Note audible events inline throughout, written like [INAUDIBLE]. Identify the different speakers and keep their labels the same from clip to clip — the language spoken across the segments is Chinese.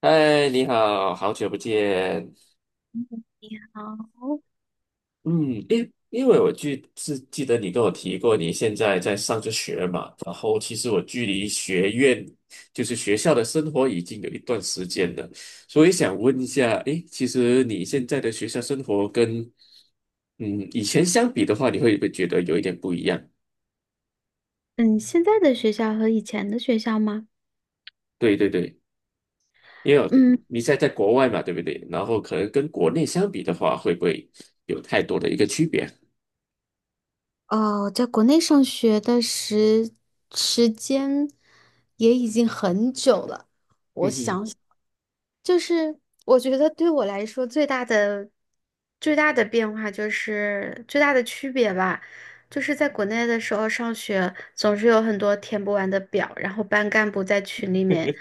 Speaker 1: 嗨，你好，好久不见。
Speaker 2: 嗯，你好。
Speaker 1: 因为我记得你跟我提过，你现在在上着学嘛，然后其实我距离学院就是学校的生活已经有一段时间了，所以想问一下，诶，其实你现在的学校生活跟嗯以前相比的话，你会不会觉得有一点不一样？
Speaker 2: 嗯，现在的学校和以前的学校吗？
Speaker 1: 对对对，因为我
Speaker 2: 嗯，
Speaker 1: 你现在在国外嘛，对不对？然后可能跟国内相比的话，会不会有太多的一个区别？
Speaker 2: 哦，在国内上学的时间也已经很久了。
Speaker 1: 嗯哼。
Speaker 2: 就是我觉得对我来说最大的变化就是最大的区别吧，就是在国内的时候上学总是有很多填不完的表，然后班干部在群里面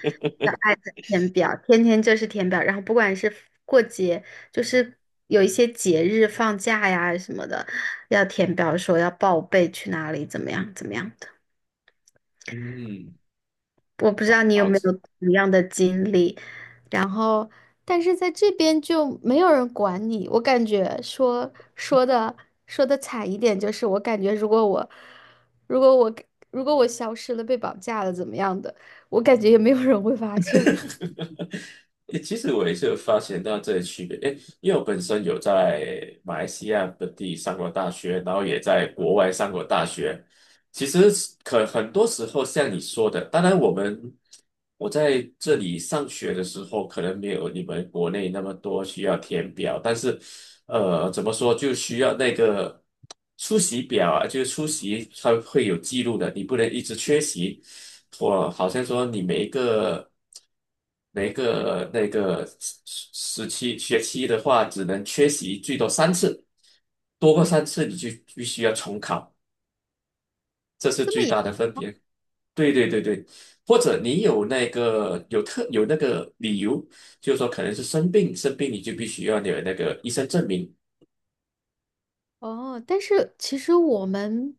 Speaker 2: 小爱的填表，天天就是填表，然后不管是过节，就是有一些节日放假呀什么的，要填表说要报备去哪里，怎么样怎么样的。
Speaker 1: 嗯。
Speaker 2: 我不知道你有
Speaker 1: 好。
Speaker 2: 没有同样的经历，然后，但是在这边就没有人管你。我感觉说的惨一点，就是我感觉如果我如果我消失了，被绑架了，怎么样的，我感觉也没有人会发现我。
Speaker 1: 诶，其实我也是有发现到这些区别，诶，因为我本身有在马来西亚本地上过大学，然后也在国外上过大学。其实是可很多时候像你说的，当然我们我在这里上学的时候，可能没有你们国内那么多需要填表，但是怎么说，就需要那个出席表啊，就是出席它会有记录的，你不能一直缺席，我好像说你每一个那个时期学期的话，只能缺席最多三次，多过三次你就必须要重考，这是
Speaker 2: 这
Speaker 1: 最
Speaker 2: 么
Speaker 1: 大
Speaker 2: 严？
Speaker 1: 的分别。对对对对，或者你有那个有特有那个理由，就是说可能是生病，生病你就必须要有那个医生证明。
Speaker 2: 哦，但是其实我们，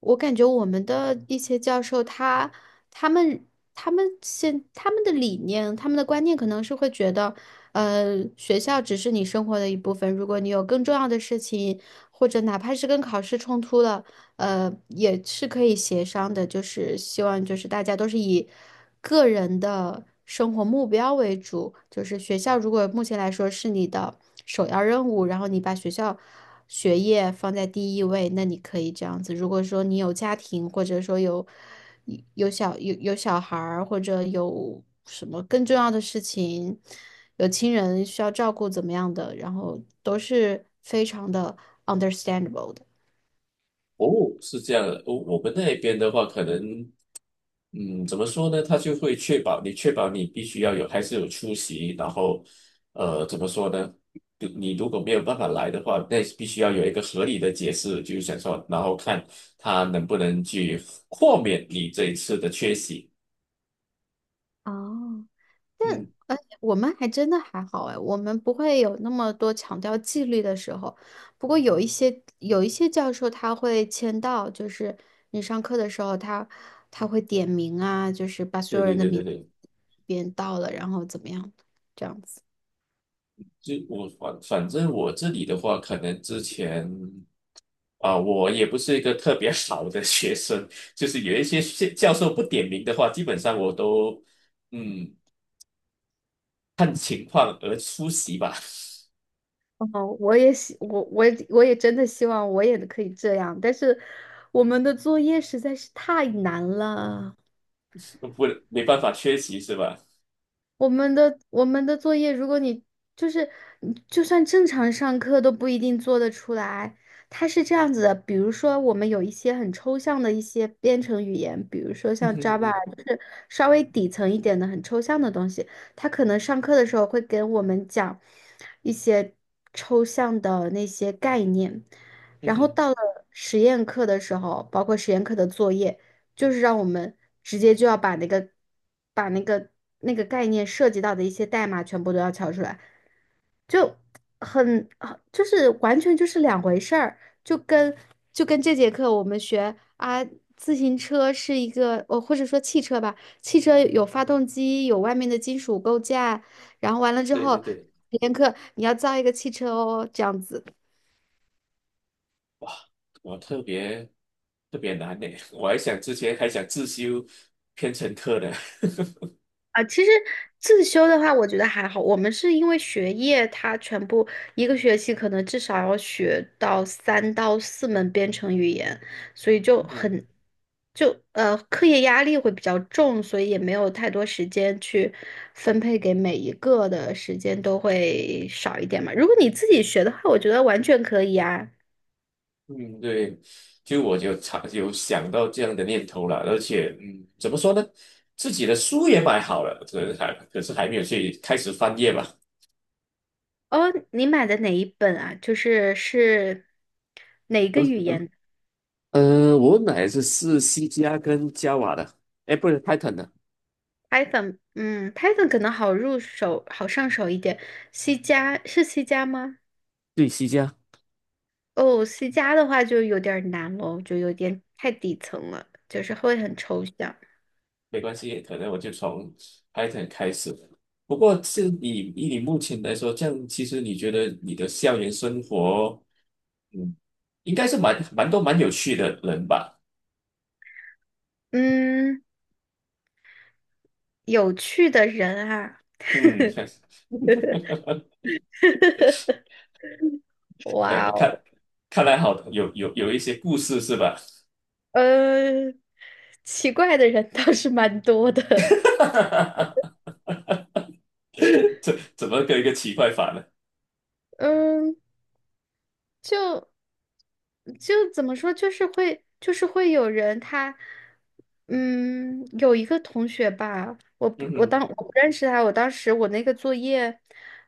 Speaker 2: 我感觉我们的一些教授他，他们他们现他们的理念，他们的观念可能是会觉得，学校只是你生活的一部分，如果你有更重要的事情，或者哪怕是跟考试冲突了，也是可以协商的，就是希望就是大家都是以个人的生活目标为主，就是学校如果目前来说是你的首要任务，然后你把学业放在第一位，那你可以这样子。如果说你有家庭，或者说有小孩儿，或者有什么更重要的事情，有亲人需要照顾怎么样的，然后都是非常的 understandable 的。
Speaker 1: 哦，是这样的，我们那边的话，可能，怎么说呢？他就会确保你，确保你必须要有，还是有出席。然后，怎么说呢？你你如果没有办法来的话，那必须要有一个合理的解释，就是想说，然后看他能不能去豁免你这一次的缺席。
Speaker 2: 哦，
Speaker 1: 嗯。
Speaker 2: 哎，我们还真的还好哎，我们不会有那么多强调纪律的时候。不过有一些教授他会签到，就是你上课的时候他会点名啊，就是把所
Speaker 1: 对
Speaker 2: 有
Speaker 1: 对
Speaker 2: 人的
Speaker 1: 对对
Speaker 2: 名
Speaker 1: 对。
Speaker 2: 编到了，然后怎么样，这样子。
Speaker 1: 就我反正我这里的话，可能之前。啊、我也不是一个特别 [LAUGHS] 好的学生，就是有一些是教授不点名的话，基本上我都嗯看情况而出席吧。
Speaker 2: 哦，我也真的希望我也可以这样，但是我们的作业实在是太难了。
Speaker 1: [LAUGHS] 不没办法缺席是吧？
Speaker 2: 我们的作业，如果你就是你就算正常上课都不一定做得出来。它是这样子的，比如说我们有一些很抽象的一些编程语言，比如说
Speaker 1: 嗯
Speaker 2: 像
Speaker 1: 哼哼
Speaker 2: Java，
Speaker 1: 哼
Speaker 2: 就是稍微底层一点的很抽象的东西，它可能上课的时候会给我们讲一些抽象的那些概念，
Speaker 1: 嗯
Speaker 2: 然后
Speaker 1: 哼。
Speaker 2: 到了实验课的时候，包括实验课的作业。就是让我们直接就要把那个概念涉及到的一些代码全部都要敲出来，就很啊就是完全就是两回事儿，就跟就跟这节课我们学啊。自行车是一个，或者说汽车吧，汽车有发动机，有外面的金属构架，然后完了之
Speaker 1: 对
Speaker 2: 后，
Speaker 1: 对对。
Speaker 2: 体验课你要造一个汽车哦，这样子。
Speaker 1: 哇，我特别难呢，我还想之前还想自修编程课呢。[LAUGHS]
Speaker 2: 啊，其实自修的话，我觉得还好。我们是因为学业，它全部一个学期可能至少要学到三到四门编程语言，所以就
Speaker 1: 嗯。
Speaker 2: 很，就课业压力会比较重，所以也没有太多时间去分配给每一个的时间都会少一点嘛。如果你自己学的话，我觉得完全可以啊。
Speaker 1: 嗯，对，就我就常有想到这样的念头了，而且，怎么说呢，自己的书也买好了，这还可是还没有去开始翻页吧。
Speaker 2: 哦，你买的哪一本啊？就是哪一个语言？
Speaker 1: 我买的是 C 加跟 Java 的，哎，不是 Python 的，
Speaker 2: Python 可能好入手、好上手一点。C 加是 C 加吗？
Speaker 1: 对，C 加。
Speaker 2: 哦，C 加的话就有点儿难喽，就有点太底层了，就是会很抽象。
Speaker 1: 没关系，可能我就从 Python 开始。不过是你以你目前来说，这样其实你觉得你的校园生活，嗯，应该是蛮有趣的人吧？
Speaker 2: 嗯，有趣的人啊，
Speaker 1: 嗯。[LAUGHS]
Speaker 2: [LAUGHS] 哇
Speaker 1: 看
Speaker 2: 哦，
Speaker 1: 看来好有一些故事是吧？
Speaker 2: 呃，奇怪的人倒是蛮多的。
Speaker 1: [LAUGHS] 这怎么个一个奇怪法呢？
Speaker 2: [LAUGHS] 嗯，就就怎么说，就是会，就是会有人他，有一个同学吧，
Speaker 1: 嗯哼。
Speaker 2: 我不认识他，我当时我那个作业，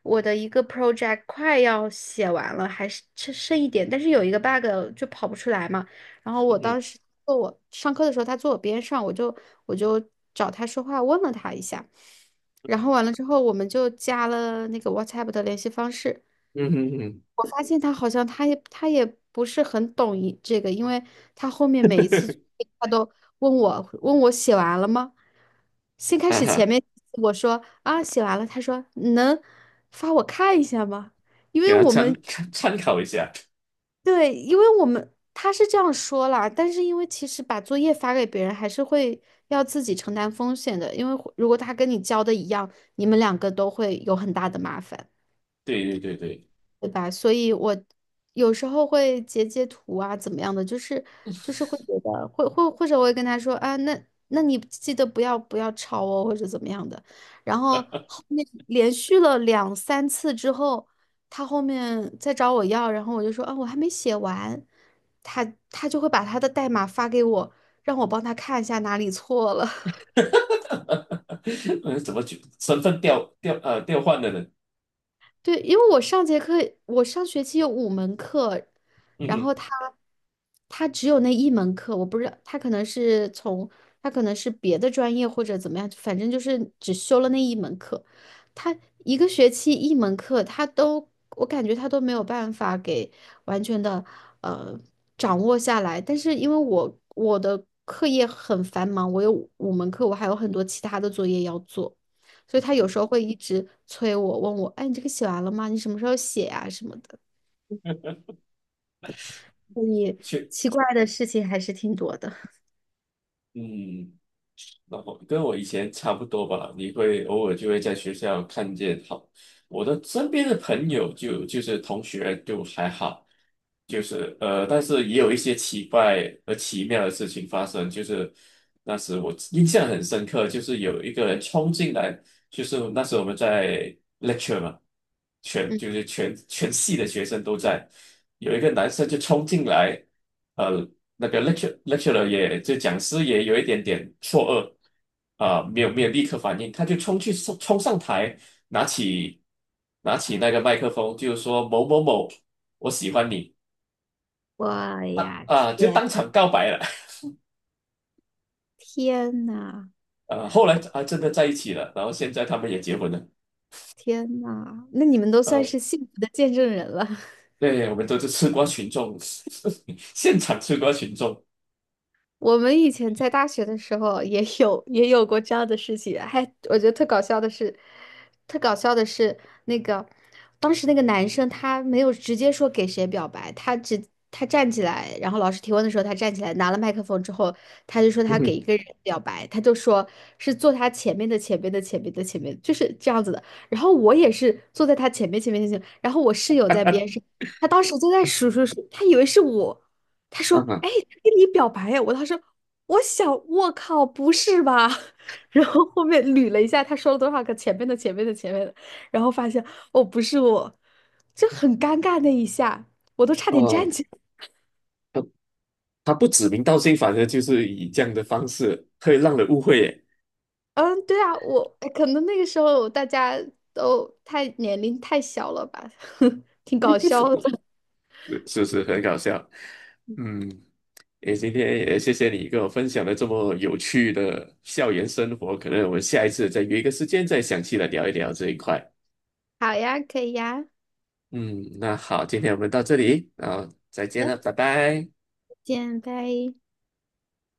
Speaker 2: 我的一个 project 快要写完了，还是剩一点，但是有一个 bug 就跑不出来嘛。然后
Speaker 1: 嗯
Speaker 2: 我
Speaker 1: 哼。
Speaker 2: 当时坐我上课的时候，他坐我边上，我就找他说话，问了他一下，然后完了之后，我们就加了那个 WhatsApp 的联系方式。
Speaker 1: 嗯哼。嗯
Speaker 2: 我发现他好像他也不是很懂一这个，因为他后面每一次作
Speaker 1: 哼。
Speaker 2: 业他都问我写完了吗？先开
Speaker 1: [LAUGHS] 哈
Speaker 2: 始前
Speaker 1: 哈。
Speaker 2: 面我说啊写完了，他说能发我看一下吗？因
Speaker 1: 给
Speaker 2: 为
Speaker 1: 他
Speaker 2: 我们
Speaker 1: 参考一下。
Speaker 2: 对，因为我们他是这样说啦，但是因为其实把作业发给别人还是会要自己承担风险的，因为如果他跟你交的一样，你们两个都会有很大的麻烦。
Speaker 1: 对对对对。
Speaker 2: 对吧？所以我有时候会截图啊，怎么样的，就是会觉得会或者我会跟他说啊，那你记得不要抄哦，或者怎么样的。然后后面连续了两三次之后，他后面再找我要，然后我就说啊，我还没写完，他他就会把他的代码发给我，让我帮他看一下哪里错了。
Speaker 1: [LAUGHS] 嗯，怎么去身份调换的人？
Speaker 2: 对，因为我上节课，我上学期有五门课，
Speaker 1: 嗯
Speaker 2: 然后
Speaker 1: 哼。
Speaker 2: 他只有那一门课，我不知道他可能是别的专业或者怎么样，反正就是只修了那一门课。他一个学期一门课，我感觉他都没有办法给完全的呃掌握下来。但是因为我的课业很繁忙，我有五门课，我还有很多其他的作业要做。所以他有
Speaker 1: 嗯
Speaker 2: 时候会一直催我，问我，哎，你这个写完了吗？你什么时候写呀、什么的。所以
Speaker 1: 去
Speaker 2: 奇怪的事情还是挺多的。
Speaker 1: 嗯。然后跟我以前差不多吧，你会偶尔就会在学校看见好，我的身边的朋友就是同学就还好，就是但是也有一些奇怪而奇妙的事情发生，就是那时我印象很深刻，就是有一个人冲进来，就是那时我们在 lecture 嘛，全
Speaker 2: 嗯，
Speaker 1: 就是全全系的学生都在，有一个男生就冲进来。呃，那个 lecturer 也就讲师也有一点点错愕啊、没有没有立刻反应，他就冲去冲冲上台，拿起拿起那个麦克风，就是说某某某，我喜欢你
Speaker 2: [LAUGHS] 我呀，
Speaker 1: 啊、就
Speaker 2: 天，
Speaker 1: 当场告白了。
Speaker 2: 天呐，
Speaker 1: [LAUGHS] 后来啊真的在一起了，然后现在他们也结婚了。
Speaker 2: 天呐，那你们都算
Speaker 1: 呃，
Speaker 2: 是幸福的见证人了。[LAUGHS]
Speaker 1: 对，我们都是吃瓜群众。[LAUGHS] 现场吃瓜群众。
Speaker 2: 我们以前在大学的时候也 [LAUGHS] 也有过这样的事情，还我觉得特搞笑的是那个当时那个男生他没有直接说给谁表白，他站起来，然后老师提问的时候他站起来拿了麦克风之后，他就说他给
Speaker 1: 嗯。
Speaker 2: 一个人表白，他就说是坐他前面的前面的前面的前面，就是这样子的。然后我也是坐在他前面前面前面，然后我室友在边上，他当时就在数数数，他以为是我。他说：
Speaker 1: 啊哈。
Speaker 2: “哎，他跟你表白呀？"我当时我想，我靠，不是吧？[LAUGHS] 然后后面捋了一下，他说了多少个前面的、前面的、前面的，然后发现哦，不是我，就很尴尬那一下，我都差点站
Speaker 1: 哦，
Speaker 2: 起来。
Speaker 1: 他不指名道姓，反正就是以这样的方式会让人误会耶。
Speaker 2: 嗯，对啊，我可能那个时候大家都太年龄太小了吧，[LAUGHS] 挺搞笑的。
Speaker 1: 是不是很搞笑？嗯，也今天也谢谢你跟我分享了这么有趣的校园生活，可能我们下一次再约一个时间再详细的聊一聊这一块。
Speaker 2: [LAUGHS] 好呀，可以呀，
Speaker 1: 嗯，那好，今天我们到这里，然后再见了，
Speaker 2: 嗯，
Speaker 1: 拜拜。
Speaker 2: 见，拜。